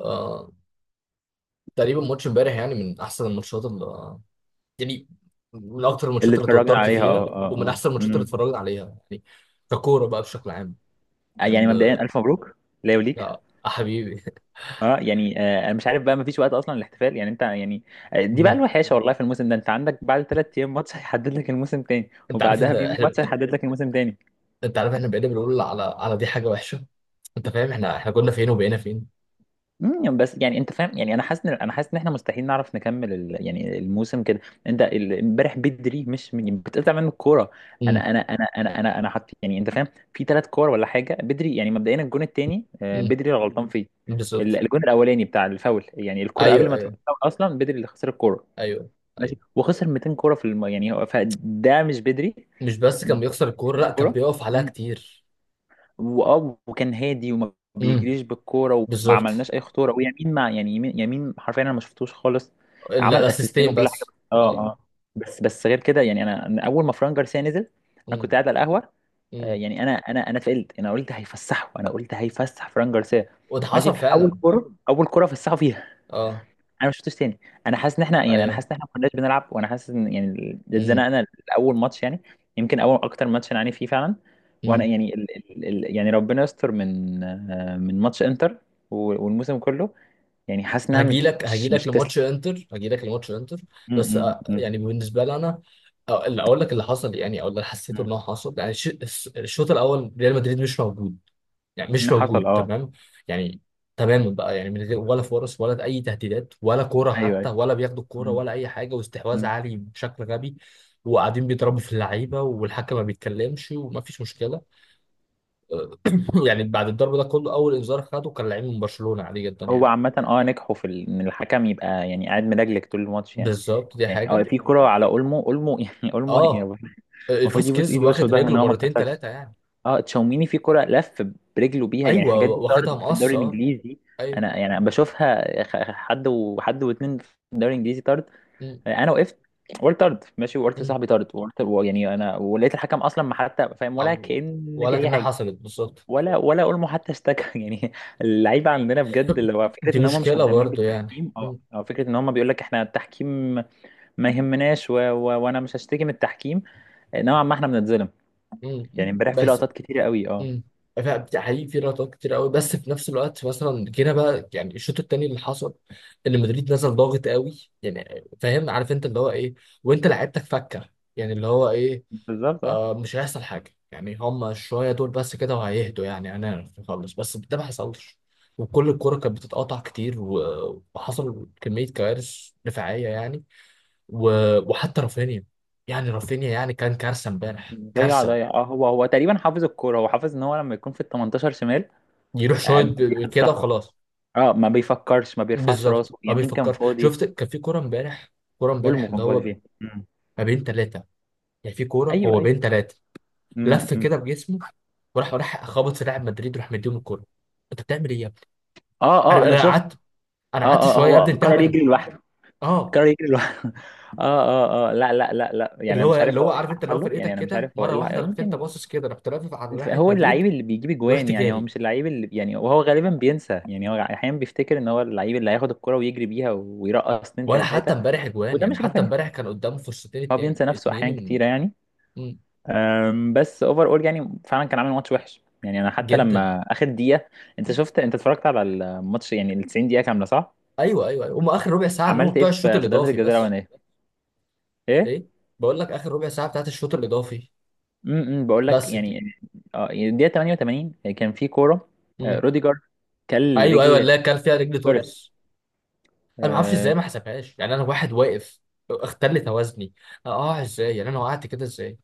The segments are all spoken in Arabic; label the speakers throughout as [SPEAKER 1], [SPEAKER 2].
[SPEAKER 1] آه تقريبا ماتش امبارح، يعني من احسن الماتشات اللي، يعني، من اكتر
[SPEAKER 2] اللي
[SPEAKER 1] الماتشات اللي
[SPEAKER 2] اتفرجنا
[SPEAKER 1] توترت
[SPEAKER 2] عليها
[SPEAKER 1] فيها، ومن احسن الماتشات اللي اتفرجت عليها يعني ككوره بقى بشكل عام.
[SPEAKER 2] يعني
[SPEAKER 1] ان
[SPEAKER 2] مبدئيا الف مبروك ليا وليك.
[SPEAKER 1] يا حبيبي.
[SPEAKER 2] اه يعني انا مش عارف بقى، مفيش وقت اصلا للاحتفال. يعني انت يعني... دي بقى
[SPEAKER 1] مم.
[SPEAKER 2] الوحشه والله في الموسم ده، انت عندك بعد 3 ايام ماتش هيحدد لك الموسم تاني،
[SPEAKER 1] انت عارف
[SPEAKER 2] وبعدها
[SPEAKER 1] انت
[SPEAKER 2] بيوم
[SPEAKER 1] احنا
[SPEAKER 2] ماتش هيحدد لك الموسم تاني.
[SPEAKER 1] انت عارف احنا بقينا بنقول على دي حاجه وحشه. انت فاهم احنا كنا فين وبقينا فين.
[SPEAKER 2] بس يعني انت فاهم، يعني انا حاسس ان احنا مستحيل نعرف نكمل يعني الموسم كده. انت امبارح بدري مش من... بتقطع منه الكوره. انا
[SPEAKER 1] امم.
[SPEAKER 2] انا انا انا انا انا حط، يعني انت فاهم، في 3 كور ولا حاجه بدري. يعني مبدئيا الجون الثاني
[SPEAKER 1] امم.
[SPEAKER 2] بدري اللي غلطان فيه.
[SPEAKER 1] بالظبط.
[SPEAKER 2] الجون الاولاني بتاع الفاول، يعني الكوره قبل
[SPEAKER 1] ايوه،
[SPEAKER 2] ما تروح
[SPEAKER 1] ايوه،
[SPEAKER 2] الفاول اصلا بدري اللي خسر الكوره.
[SPEAKER 1] ايوه،
[SPEAKER 2] ماشي.
[SPEAKER 1] ايوه.
[SPEAKER 2] وخسر 200 كوره في يعني هو فده مش بدري.
[SPEAKER 1] مش بس كان بيخسر الكوره،
[SPEAKER 2] مش
[SPEAKER 1] لا، كان
[SPEAKER 2] كوره.
[SPEAKER 1] بيقف عليها كتير.
[SPEAKER 2] واه وكان هادي وما
[SPEAKER 1] امم.
[SPEAKER 2] بيجريش بالكوره وما
[SPEAKER 1] بالظبط.
[SPEAKER 2] عملناش اي خطوره. ويمين، مع يعني يمين يمين حرفيا انا ما شفتوش خالص. عمل اسيستين
[SPEAKER 1] الاسيستين
[SPEAKER 2] وكل حاجه.
[SPEAKER 1] بس.
[SPEAKER 2] اه
[SPEAKER 1] اه.
[SPEAKER 2] اه بس غير كده. يعني انا اول ما فران جارسيا نزل، انا كنت
[SPEAKER 1] امم.
[SPEAKER 2] قاعد على القهوه.
[SPEAKER 1] امم.
[SPEAKER 2] يعني انا اتفائلت. انا قلت هيفسحه، انا قلت هيفسح فران جارسيا.
[SPEAKER 1] وده
[SPEAKER 2] ماشي.
[SPEAKER 1] حصل
[SPEAKER 2] اول
[SPEAKER 1] فعلا.
[SPEAKER 2] كوره اول كوره فسحه فيها،
[SPEAKER 1] اه.
[SPEAKER 2] انا ما شفتوش تاني. انا حاسس ان احنا يعني انا
[SPEAKER 1] ايوه.
[SPEAKER 2] حاسس ان احنا ما كناش بنلعب. وانا حاسس ان يعني
[SPEAKER 1] امم.
[SPEAKER 2] اتزنقنا. اول ماتش يعني، يمكن اول اكتر ماتش انا عاني فيه فعلا. وانا
[SPEAKER 1] امم.
[SPEAKER 2] يعني ال ال ال يعني ربنا يستر من ماتش انتر والموسم كله. يعني حاسس انها مش،
[SPEAKER 1] هجيلك
[SPEAKER 2] مش
[SPEAKER 1] هجيلك
[SPEAKER 2] تسلم.
[SPEAKER 1] لماتش انتر، هجيلك لماتش انتر. بس
[SPEAKER 2] م- م-
[SPEAKER 1] يعني بالنسبه لي انا، اللي اقول لك اللي حصل يعني، او اللي حسيته انه
[SPEAKER 2] م-
[SPEAKER 1] حصل يعني الشوط الاول ريال مدريد مش موجود. يعني
[SPEAKER 2] م.
[SPEAKER 1] مش
[SPEAKER 2] حصل،
[SPEAKER 1] موجود
[SPEAKER 2] اه،
[SPEAKER 1] تمام. يعني، تماما بقى، يعني من غير ولا فرص ولا اي تهديدات ولا كوره
[SPEAKER 2] ايوه
[SPEAKER 1] حتى،
[SPEAKER 2] ايوه.
[SPEAKER 1] ولا بياخدوا الكوره،
[SPEAKER 2] م-
[SPEAKER 1] ولا اي حاجه، واستحواذ
[SPEAKER 2] م.
[SPEAKER 1] عالي بشكل غبي. وقاعدين بيضربوا في اللعيبه والحكم ما بيتكلمش ومفيش مشكله. يعني بعد الضرب ده كله، اول انذار خده كان لعيب من برشلونة، عادي جدا
[SPEAKER 2] هو
[SPEAKER 1] يعني.
[SPEAKER 2] عامة نجحوا في ان الحكم يبقى يعني قاعد ملجلج طول الماتش يعني.
[SPEAKER 1] بالظبط. دي
[SPEAKER 2] يعني
[SPEAKER 1] حاجة.
[SPEAKER 2] في كرة على اولمو اولمو يعني اولمو يعني
[SPEAKER 1] اه.
[SPEAKER 2] المفروض يبوس
[SPEAKER 1] فاسكيز
[SPEAKER 2] ايده وشه
[SPEAKER 1] واخد
[SPEAKER 2] ده ان
[SPEAKER 1] رجله
[SPEAKER 2] هو ما
[SPEAKER 1] مرتين
[SPEAKER 2] اتكسرش.
[SPEAKER 1] ثلاثة يعني.
[SPEAKER 2] اه تشاوميني في كرة، لف برجله بيها. يعني
[SPEAKER 1] ايوه،
[SPEAKER 2] حاجات دي
[SPEAKER 1] واخدها
[SPEAKER 2] طرد في
[SPEAKER 1] مقص.
[SPEAKER 2] الدوري
[SPEAKER 1] اه.
[SPEAKER 2] الانجليزي.
[SPEAKER 1] ايوه.
[SPEAKER 2] يعني أنا بشوفها، حد وحد واتنين، في الدوري الانجليزي طرد.
[SPEAKER 1] مم.
[SPEAKER 2] انا وقفت، قلت طرد ماشي، وقلت
[SPEAKER 1] مم.
[SPEAKER 2] لصاحبي طرد. وقلت يعني انا، ولقيت الحكم اصلا ما حتى فاهم، ولا
[SPEAKER 1] عم-
[SPEAKER 2] كأن
[SPEAKER 1] ولا
[SPEAKER 2] في اي
[SPEAKER 1] كأنها
[SPEAKER 2] حاجه.
[SPEAKER 1] حصلت بالظبط.
[SPEAKER 2] ولا اولمو حتى اشتكى يعني اللعيبه عندنا بجد اللي هو فكره
[SPEAKER 1] دي
[SPEAKER 2] ان هم مش
[SPEAKER 1] مشكلة
[SPEAKER 2] مهتمين
[SPEAKER 1] برضه يعني.
[SPEAKER 2] بالتحكيم،
[SPEAKER 1] مم.
[SPEAKER 2] أو فكره ان هم بيقول لك احنا التحكيم ما يهمناش. وانا مش هشتكي من التحكيم، نوعا ما احنا بنتظلم.
[SPEAKER 1] مم.
[SPEAKER 2] يعني امبارح في
[SPEAKER 1] بس.
[SPEAKER 2] لقطات كتيره قوي. اه،
[SPEAKER 1] مم. حقيقي في لقطات كتير قوي، بس في نفس الوقت مثلا جينا بقى يعني الشوط التاني اللي حصل، ان مدريد نزل ضاغط قوي يعني. فاهم، عارف انت اللي هو ايه. وانت لعيبتك فكه، يعني اللي هو ايه.
[SPEAKER 2] بالظبط. اه
[SPEAKER 1] آه، مش هيحصل حاجه يعني، هم شويه دول بس كده وهيهدوا يعني هنعرف نخلص، بس ده ما حصلش. وكل الكرة كانت بتتقطع كتير، و- وحصل كمية كوارث دفاعية يعني. و- وحتى رافينيا، يعني رافينيا يعني كان كارثة امبارح،
[SPEAKER 2] ضيع
[SPEAKER 1] كارثة.
[SPEAKER 2] ضيع. اه هو تقريبا حافظ الكوره، هو حافظ ان هو لما يكون في ال 18 شمال،
[SPEAKER 1] يروح شوية كده
[SPEAKER 2] بيحطها.
[SPEAKER 1] وخلاص.
[SPEAKER 2] اه ما بيفكرش، ما بيرفعش
[SPEAKER 1] بالظبط
[SPEAKER 2] راسه.
[SPEAKER 1] ما
[SPEAKER 2] يمين كان
[SPEAKER 1] بيفكرش.
[SPEAKER 2] فاضي،
[SPEAKER 1] شفت كان في كوره امبارح، كوره امبارح
[SPEAKER 2] اولمو
[SPEAKER 1] اللي
[SPEAKER 2] كان فاضي
[SPEAKER 1] هو
[SPEAKER 2] فين. مم.
[SPEAKER 1] ما بين ثلاثه، يعني في كوره
[SPEAKER 2] ايوه
[SPEAKER 1] هو
[SPEAKER 2] ايوه.
[SPEAKER 1] بين ثلاثه.
[SPEAKER 2] مم.
[SPEAKER 1] لف
[SPEAKER 2] مم.
[SPEAKER 1] كده بجسمه، وراح، وراح خبط في لاعب مدريد وراح مديهم الكوره. انت بتعمل ايه يا ابني؟
[SPEAKER 2] اه
[SPEAKER 1] انا
[SPEAKER 2] انا
[SPEAKER 1] انا
[SPEAKER 2] شفت.
[SPEAKER 1] قعدت، انا قعدت
[SPEAKER 2] اه
[SPEAKER 1] شويه. يا
[SPEAKER 2] هو
[SPEAKER 1] ابني انت
[SPEAKER 2] قرر
[SPEAKER 1] هبل.
[SPEAKER 2] يجري لوحده.
[SPEAKER 1] اه.
[SPEAKER 2] قرر يجري لوحده اه لا لا لا لا، يعني
[SPEAKER 1] اللي
[SPEAKER 2] انا
[SPEAKER 1] هو
[SPEAKER 2] مش
[SPEAKER 1] اللي
[SPEAKER 2] عارف هو
[SPEAKER 1] هو
[SPEAKER 2] ايه
[SPEAKER 1] عارف
[SPEAKER 2] اللي
[SPEAKER 1] انت، اللي هو
[SPEAKER 2] حصل له. يعني
[SPEAKER 1] فرقتك
[SPEAKER 2] انا مش
[SPEAKER 1] كده
[SPEAKER 2] عارف هو ايه
[SPEAKER 1] مره واحده،
[SPEAKER 2] اللي
[SPEAKER 1] رحت انت
[SPEAKER 2] يمكن...
[SPEAKER 1] باصص كده، رحت لافف على ناحيه
[SPEAKER 2] هو اللعيب
[SPEAKER 1] مدريد.
[SPEAKER 2] اللي بيجيب اجوان،
[SPEAKER 1] ورحت
[SPEAKER 2] يعني هو
[SPEAKER 1] جاري.
[SPEAKER 2] مش اللعيب اللي يعني... وهو غالبا بينسى. يعني هو احيانا بيفتكر ان هو اللعيب اللي هياخد الكرة ويجري بيها ويرقص اتنين
[SPEAKER 1] ولا حتى
[SPEAKER 2] تلاته.
[SPEAKER 1] امبارح اجوان،
[SPEAKER 2] وده
[SPEAKER 1] يعني
[SPEAKER 2] مش
[SPEAKER 1] حتى
[SPEAKER 2] رافينيا،
[SPEAKER 1] امبارح كان قدامه فرصتين،
[SPEAKER 2] هو
[SPEAKER 1] اتنين
[SPEAKER 2] بينسى نفسه احيان
[SPEAKER 1] اتنين.
[SPEAKER 2] كتيره يعني.
[SPEAKER 1] م- م-
[SPEAKER 2] بس اوفر اول يعني فعلا كان عامل ماتش وحش. يعني انا حتى
[SPEAKER 1] جدا.
[SPEAKER 2] لما اخد دقيقه... انت
[SPEAKER 1] م-
[SPEAKER 2] شفت، انت اتفرجت على الماتش يعني ال 90 دقيقه كامله صح؟
[SPEAKER 1] ايوه، ايوه، ايوه. هم اخر ربع ساعه اللي هم
[SPEAKER 2] عملت ايه
[SPEAKER 1] بتوع الشوط
[SPEAKER 2] في ضربه
[SPEAKER 1] الاضافي
[SPEAKER 2] الجزاء
[SPEAKER 1] بس.
[SPEAKER 2] الاولانيه؟ ايه.
[SPEAKER 1] ايه؟ بقول لك اخر ربع ساعه بتاعت الشوط الاضافي
[SPEAKER 2] بقول لك
[SPEAKER 1] بس. دي
[SPEAKER 2] يعني، اه يعني الدقيقه 88 كان في كوره،
[SPEAKER 1] مم.
[SPEAKER 2] روديجر كل
[SPEAKER 1] ايوه، ايوه،
[SPEAKER 2] رجل
[SPEAKER 1] اللي هي كان فيها رجل توريس. انا ما اعرفش ازاي ما
[SPEAKER 2] توريس.
[SPEAKER 1] حسبهاش يعني، انا واحد واقف، اختل توازني. اه ازاي، يعني انا وقعت كده ازاي؟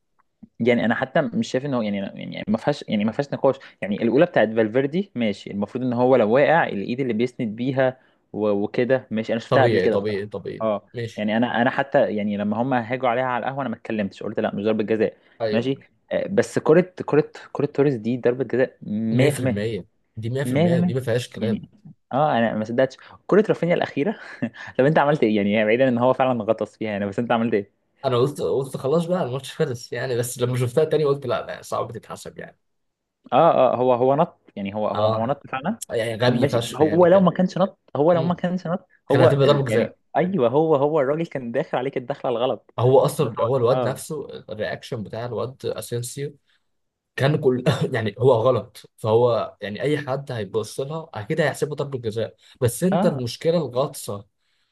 [SPEAKER 2] يعني انا حتى مش شايف ان هو يعني ما فيهاش نقاش. يعني الاولى بتاعت فالفيردي ماشي، المفروض ان هو لو واقع الايد اللي بيسند بيها وكده ماشي. انا شفتها قبل
[SPEAKER 1] طبيعي،
[SPEAKER 2] كده
[SPEAKER 1] طبيعي،
[SPEAKER 2] بصراحه.
[SPEAKER 1] طبيعي.
[SPEAKER 2] اه
[SPEAKER 1] ماشي.
[SPEAKER 2] يعني انا حتى يعني لما هم هاجوا عليها على القهوه، انا ما اتكلمتش. قلت لا، مش ضربه جزاء، ماشي.
[SPEAKER 1] ايوه.
[SPEAKER 2] بس كره توريس دي ضربه جزاء 100%.
[SPEAKER 1] 100%. دي 100%،
[SPEAKER 2] 100%.
[SPEAKER 1] دي ما فيهاش كلام.
[SPEAKER 2] يعني، اه انا ما صدقتش كره رافينيا الاخيره. طب انت عملت ايه يعني؟ بعيدا ان هو فعلا غطس فيها يعني، بس انت عملت إيه؟
[SPEAKER 1] انا قلت، قلت خلاص بقى الماتش خلص يعني، بس لما شفتها تاني قلت لا لا، صعب تتحسب يعني.
[SPEAKER 2] اه هو نط، يعني هو
[SPEAKER 1] اه.
[SPEAKER 2] نط فعلا.
[SPEAKER 1] يعني غبي
[SPEAKER 2] ماشي،
[SPEAKER 1] فشخ يعني كان.
[SPEAKER 2] هو لو ما
[SPEAKER 1] مم.
[SPEAKER 2] كانش نط
[SPEAKER 1] كان
[SPEAKER 2] هو
[SPEAKER 1] هتبقى ضربة
[SPEAKER 2] يعني.
[SPEAKER 1] جزاء.
[SPEAKER 2] ايوه هو الراجل كان داخل عليك الدخله الغلط.
[SPEAKER 1] هو
[SPEAKER 2] بس
[SPEAKER 1] اصلا
[SPEAKER 2] هو
[SPEAKER 1] هو الواد نفسه، الرياكشن بتاع الواد اسينسيو كان كل يعني هو غلط فهو، يعني اي حد هيبص لها اكيد هيحسبه ضربة جزاء. بس انت
[SPEAKER 2] اه
[SPEAKER 1] المشكله الغطسه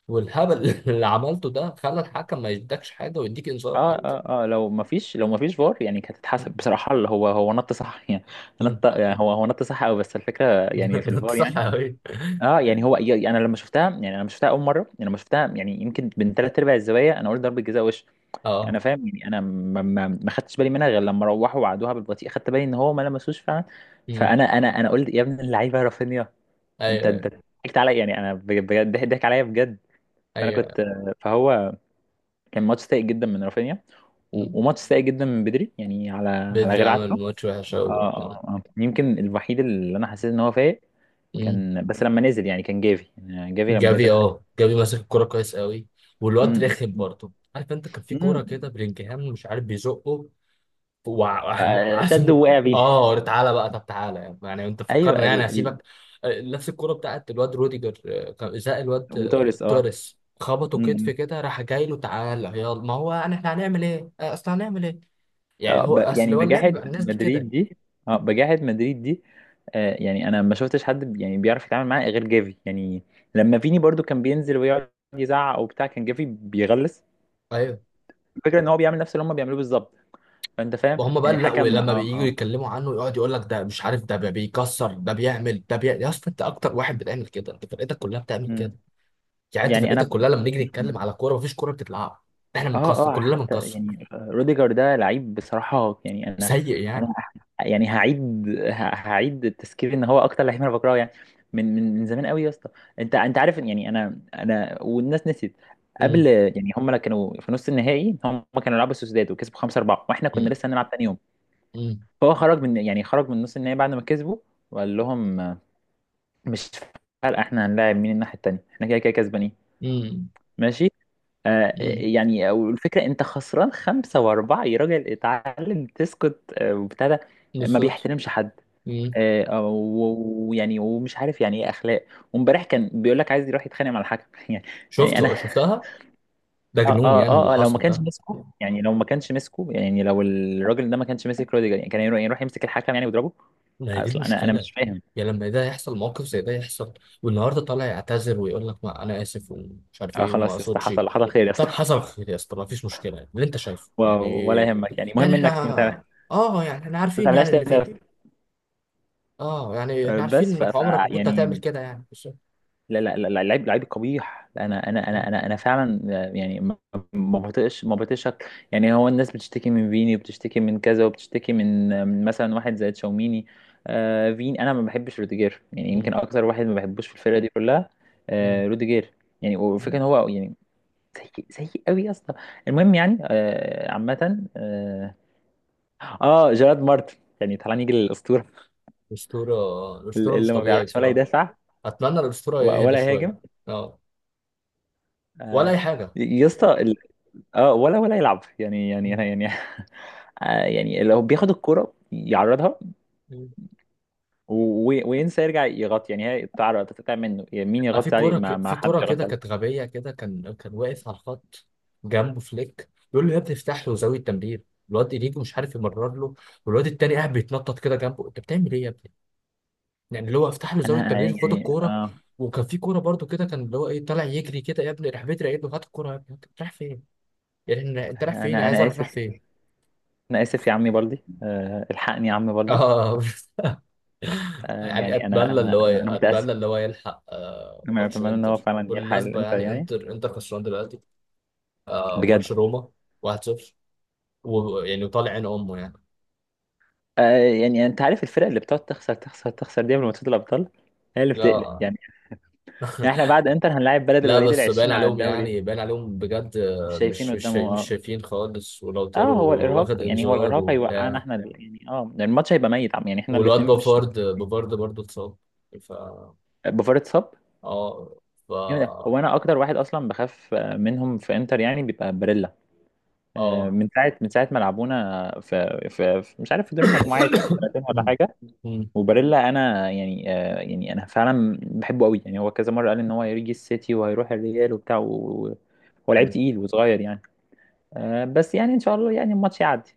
[SPEAKER 1] والهبل اللي عملته ده، خلى الحكم ما يدكش حاجه ويديك انذار حتى.
[SPEAKER 2] اه لو ما فيش فار يعني كانت
[SPEAKER 1] مم.
[SPEAKER 2] هتتحسب بصراحه. اللي هو نط صح، يعني
[SPEAKER 1] مم.
[SPEAKER 2] نط، يعني هو نط صح قوي. بس الفكره يعني في
[SPEAKER 1] انت
[SPEAKER 2] الفار
[SPEAKER 1] صح
[SPEAKER 2] يعني.
[SPEAKER 1] قوي.
[SPEAKER 2] اه يعني هو يعني، انا لما شفتها، يعني انا لما شفتها اول مره، يعني لما شفتها يعني يمكن من ثلاث ارباع الزوايا، انا قلت ضربه جزاء وش. انا
[SPEAKER 1] اه.
[SPEAKER 2] فاهم. يعني انا ما خدتش بالي منها غير لما روحوا وعدوها بالبطيء، خدت بالي ان هو ما لمسوش فعلا.
[SPEAKER 1] مم.
[SPEAKER 2] فانا انا انا قلت يا ابن اللعيبه رافينيا. انت
[SPEAKER 1] ايوه،
[SPEAKER 2] انت
[SPEAKER 1] ايوه،
[SPEAKER 2] ضحكت عليا. يعني انا بجد ضحك عليا بجد. فانا
[SPEAKER 1] ايوه.
[SPEAKER 2] كنت... فهو كان ماتش سيء جدا من رافينيا،
[SPEAKER 1] مم.
[SPEAKER 2] وماتش سيء جدا من بدري يعني على
[SPEAKER 1] بدري
[SPEAKER 2] غير عادته.
[SPEAKER 1] عمل ماتش وحش قوي برضه.
[SPEAKER 2] يمكن الوحيد اللي انا حسيت ان هو فايق
[SPEAKER 1] مم.
[SPEAKER 2] كان بس لما نزل. يعني كان جافي، يعني جافي لما
[SPEAKER 1] جافي،
[SPEAKER 2] نزل حاجه.
[SPEAKER 1] اه، جافي ماسك الكوره كويس قوي. والواد
[SPEAKER 2] امم
[SPEAKER 1] رخم برضه، عارف انت كان في كوره كده
[SPEAKER 2] امم
[SPEAKER 1] بلينجهام مش عارف بيزقه. وعارف
[SPEAKER 2] شد
[SPEAKER 1] ان
[SPEAKER 2] ووقع بيه.
[SPEAKER 1] اه، تعالى بقى. طب تعالى يعني، انت
[SPEAKER 2] ايوه
[SPEAKER 1] فكرنا يعني هسيبك. نفس الكوره بتاعت الواد روديجر، كان ازاء الواد،
[SPEAKER 2] وتوريس. اه
[SPEAKER 1] توريس خبطه
[SPEAKER 2] م-
[SPEAKER 1] كتف
[SPEAKER 2] م.
[SPEAKER 1] كده، راح جاي له تعالى يلا. ما هو انا احنا هنعمل ايه، اصل هنعمل ايه. يعني هو،
[SPEAKER 2] يعني
[SPEAKER 1] اصل هو اللعب
[SPEAKER 2] بجاحة
[SPEAKER 1] بقى الناس دي
[SPEAKER 2] مدريد
[SPEAKER 1] كده.
[SPEAKER 2] دي، اه بجاحة مدريد دي. يعني انا ما شفتش حد يعني بيعرف يتعامل معاه غير جافي يعني. لما فيني برضو كان بينزل ويقعد يزعق او بتاع، كان جافي بيغلس.
[SPEAKER 1] ايوه.
[SPEAKER 2] الفكرة ان هو بيعمل نفس اللي هم بيعملوه بالظبط. فانت فاهم
[SPEAKER 1] وهم بقى،
[SPEAKER 2] يعني
[SPEAKER 1] لا،
[SPEAKER 2] الحكم.
[SPEAKER 1] ولما بييجوا
[SPEAKER 2] اه
[SPEAKER 1] يتكلموا عنه يقعد يقول لك ده مش عارف، ده بيكسر، ده بيعمل، ده بيعمل. يا اسطى انت اكتر واحد بتعمل كده، انت فرقتك كلها بتعمل كده.
[SPEAKER 2] مم.
[SPEAKER 1] يعني انت
[SPEAKER 2] يعني
[SPEAKER 1] فرقتك
[SPEAKER 2] انا
[SPEAKER 1] كلها لما نيجي نتكلم على كوره، مفيش كوره بتتلعب. احنا بنكسر،
[SPEAKER 2] اه
[SPEAKER 1] كلنا
[SPEAKER 2] حتى
[SPEAKER 1] بنكسر.
[SPEAKER 2] يعني، روديجر ده لعيب بصراحة، يعني انا.
[SPEAKER 1] سيء
[SPEAKER 2] انا
[SPEAKER 1] يعني.
[SPEAKER 2] يعني هعيد، هعيد التذكير ان هو اكتر لعيب انا بكرهه، يعني من زمان قوي يا اسطى. انت عارف إن، يعني انا والناس نسيت.
[SPEAKER 1] مم.
[SPEAKER 2] قبل يعني، هم كانوا في نص النهائي، هم كانوا يلعبوا سوسداد وكسبوا 5-4، واحنا كنا
[SPEAKER 1] مم.
[SPEAKER 2] لسه هنلعب تاني يوم.
[SPEAKER 1] مم.
[SPEAKER 2] فهو خرج، من يعني، خرج من نص النهائي بعد ما كسبوا وقال لهم، مش فارقة احنا هنلاعب مين الناحية التانية، احنا كده كده كسبانين
[SPEAKER 1] مم.
[SPEAKER 2] ماشي.
[SPEAKER 1] مم.
[SPEAKER 2] يعني والفكرة انت خسران 5-4 يا راجل، اتعلم تسكت. وابتدى ما
[SPEAKER 1] بالظبط.
[SPEAKER 2] بيحترمش حد.
[SPEAKER 1] مم.
[SPEAKER 2] ويعني ومش عارف يعني ايه اخلاق. وامبارح كان بيقول لك عايز يروح يتخانق مع الحكم يعني، انا
[SPEAKER 1] شفته، شفتها. ده جنون يعني اللي حصل ده.
[SPEAKER 2] لو ما كانش مسكه يعني لو الراجل ده ما كانش ماسك روديجر، يعني كان يروح، يمسك الحكم يعني ويضربه.
[SPEAKER 1] ما هي دي
[SPEAKER 2] اصلا انا
[SPEAKER 1] المشكلة،
[SPEAKER 2] مش فاهم.
[SPEAKER 1] يعني لما ده يحصل، موقف زي ده يحصل، والنهارده طالع يعتذر ويقول لك ما انا اسف، ومش عارف
[SPEAKER 2] اه
[SPEAKER 1] ايه، وما
[SPEAKER 2] خلاص يا اسطى
[SPEAKER 1] اقصدش.
[SPEAKER 2] حصل خير يا اسطى
[SPEAKER 1] طب حصل خير يا اسطى، ما فيش مشكلة يعني. اللي انت شايفه
[SPEAKER 2] و-
[SPEAKER 1] يعني.
[SPEAKER 2] ولا يهمك، يعني
[SPEAKER 1] يعني
[SPEAKER 2] المهم
[SPEAKER 1] احنا،
[SPEAKER 2] انك
[SPEAKER 1] اه يعني احنا
[SPEAKER 2] ما
[SPEAKER 1] عارفين
[SPEAKER 2] تعملهاش
[SPEAKER 1] يعني
[SPEAKER 2] تاني
[SPEAKER 1] اللي
[SPEAKER 2] يا
[SPEAKER 1] فيه.
[SPEAKER 2] اسطى.
[SPEAKER 1] اه يعني احنا عارفين
[SPEAKER 2] بس
[SPEAKER 1] انك عمرك ما كنت هتعمل
[SPEAKER 2] يعني
[SPEAKER 1] كده يعني، بس.
[SPEAKER 2] لا لا لا لعيب لعيب قبيح. انا انا انا
[SPEAKER 1] مم.
[SPEAKER 2] انا انا فعلا... يعني ما ما بطيقش، يعني هو الناس بتشتكي من فيني، وبتشتكي من كذا، وبتشتكي من مثلا واحد زي تشاوميني. فين انا ما بحبش روديجير، يعني
[SPEAKER 1] مم.
[SPEAKER 2] يمكن اكتر واحد ما بحبوش في الفرقه دي كلها.
[SPEAKER 1] مم.
[SPEAKER 2] روديجير، يعني وفكرة
[SPEAKER 1] مم.
[SPEAKER 2] ان هو يعني سيء سيء قوي يا اسطى. المهم يعني عامه جيرارد مارتن. يعني تعالى نيجي للاسطوره،
[SPEAKER 1] الأسطورة. الأسطورة مش
[SPEAKER 2] اللي ما
[SPEAKER 1] طبيعي
[SPEAKER 2] بيعرفش ولا
[SPEAKER 1] بصراحة.
[SPEAKER 2] يدافع
[SPEAKER 1] اتمنى الاسطوره يهدى
[SPEAKER 2] ولا
[SPEAKER 1] شويه.
[SPEAKER 2] يهاجم،
[SPEAKER 1] اه. ولا
[SPEAKER 2] آه
[SPEAKER 1] اي حاجه.
[SPEAKER 2] يا اسطى، اه ولا يلعب يعني يعني
[SPEAKER 1] مم.
[SPEAKER 2] يعني يعني لو بياخد الكرة يعرضها
[SPEAKER 1] مم.
[SPEAKER 2] وينسى يرجع يغطي. يعني هي تعرض تتقطع منه، يعني مين
[SPEAKER 1] في
[SPEAKER 2] يغطي عليه؟
[SPEAKER 1] كوره
[SPEAKER 2] ما ما
[SPEAKER 1] في
[SPEAKER 2] حدش
[SPEAKER 1] كوره كده
[SPEAKER 2] يغطي
[SPEAKER 1] كانت
[SPEAKER 2] عليه.
[SPEAKER 1] غبيه كده، كان واقف على الخط، جنبه فليك بيقول له يا ابني افتح له زاويه تمرير، الواد انيجو مش عارف يمرر له، والواد التاني قاعد بيتنطط كده جنبه. انت بتعمل ايه يا ابني؟ يعني اللي هو افتح له زاويه تمرير، خد
[SPEAKER 2] يعني
[SPEAKER 1] الكوره.
[SPEAKER 2] اه
[SPEAKER 1] وكان في كوره برضو كده كان اللي هو ايه طالع يجري كده يا ابني، راح بدري قايل له هات الكوره يا ابني انت رايح فين؟ يعني انت رايح فين؟
[SPEAKER 2] انا
[SPEAKER 1] عايز
[SPEAKER 2] انا
[SPEAKER 1] اعرف رايح
[SPEAKER 2] اسف،
[SPEAKER 1] فين؟
[SPEAKER 2] انا اسف يا عمي بلدي، الحقني يا عم بلدي.
[SPEAKER 1] اه يعني
[SPEAKER 2] يعني انا
[SPEAKER 1] اتمنى اللي
[SPEAKER 2] انا
[SPEAKER 1] هو،
[SPEAKER 2] انا انا متأسف.
[SPEAKER 1] اتمنى اللي هو يلحق
[SPEAKER 2] انا
[SPEAKER 1] ماتش
[SPEAKER 2] اتمنى ان هو
[SPEAKER 1] انتر
[SPEAKER 2] فعلا يلحق،
[SPEAKER 1] بالمناسبه
[SPEAKER 2] انت
[SPEAKER 1] يعني.
[SPEAKER 2] يعني،
[SPEAKER 1] انتر، انتر خسران دلوقتي.
[SPEAKER 2] بجد.
[SPEAKER 1] ماتش روما 1-0. ويعني وطالع عين امه يعني.
[SPEAKER 2] يعني انت عارف، الفرق اللي بتقعد تخسر تخسر تخسر دي من ماتشات الابطال هي اللي بتقلق.
[SPEAKER 1] لا،
[SPEAKER 2] يعني احنا بعد انتر هنلاعب بلد
[SPEAKER 1] لا،
[SPEAKER 2] الوليد
[SPEAKER 1] بس باين
[SPEAKER 2] العشرين على
[SPEAKER 1] عليهم
[SPEAKER 2] الدوري.
[SPEAKER 1] يعني، باين عليهم بجد.
[SPEAKER 2] مش شايفين قدامه
[SPEAKER 1] مش
[SPEAKER 2] آه.
[SPEAKER 1] شايفين خالص، ولو
[SPEAKER 2] اه
[SPEAKER 1] طاروا. واخد
[SPEAKER 2] هو
[SPEAKER 1] انذار
[SPEAKER 2] الارهاق هيوقعنا
[SPEAKER 1] وبتاع.
[SPEAKER 2] احنا. يعني يعني الماتش هيبقى ميت عم يعني، احنا
[SPEAKER 1] والواد
[SPEAKER 2] الاثنين مش...
[SPEAKER 1] بافارد، بافارد برضه اتصاب. ف
[SPEAKER 2] بوفار اتصاب
[SPEAKER 1] اه ف
[SPEAKER 2] جامد أوي. هو انا اكتر واحد اصلا بخاف منهم في انتر يعني بيبقى باريلا.
[SPEAKER 1] اه
[SPEAKER 2] من ساعه ما لعبونا في مش عارف في دور المجموعات، سنتين ولا
[SPEAKER 1] مم.
[SPEAKER 2] حاجه.
[SPEAKER 1] مم.
[SPEAKER 2] وباريلا، انا يعني يعني انا فعلا بحبه قوي. يعني هو كذا مره قال ان هو هيجي السيتي وهيروح الريال وبتاع، و- هو لعيب تقيل وصغير يعني. بس يعني ان شاء الله يعني الماتش يعدي.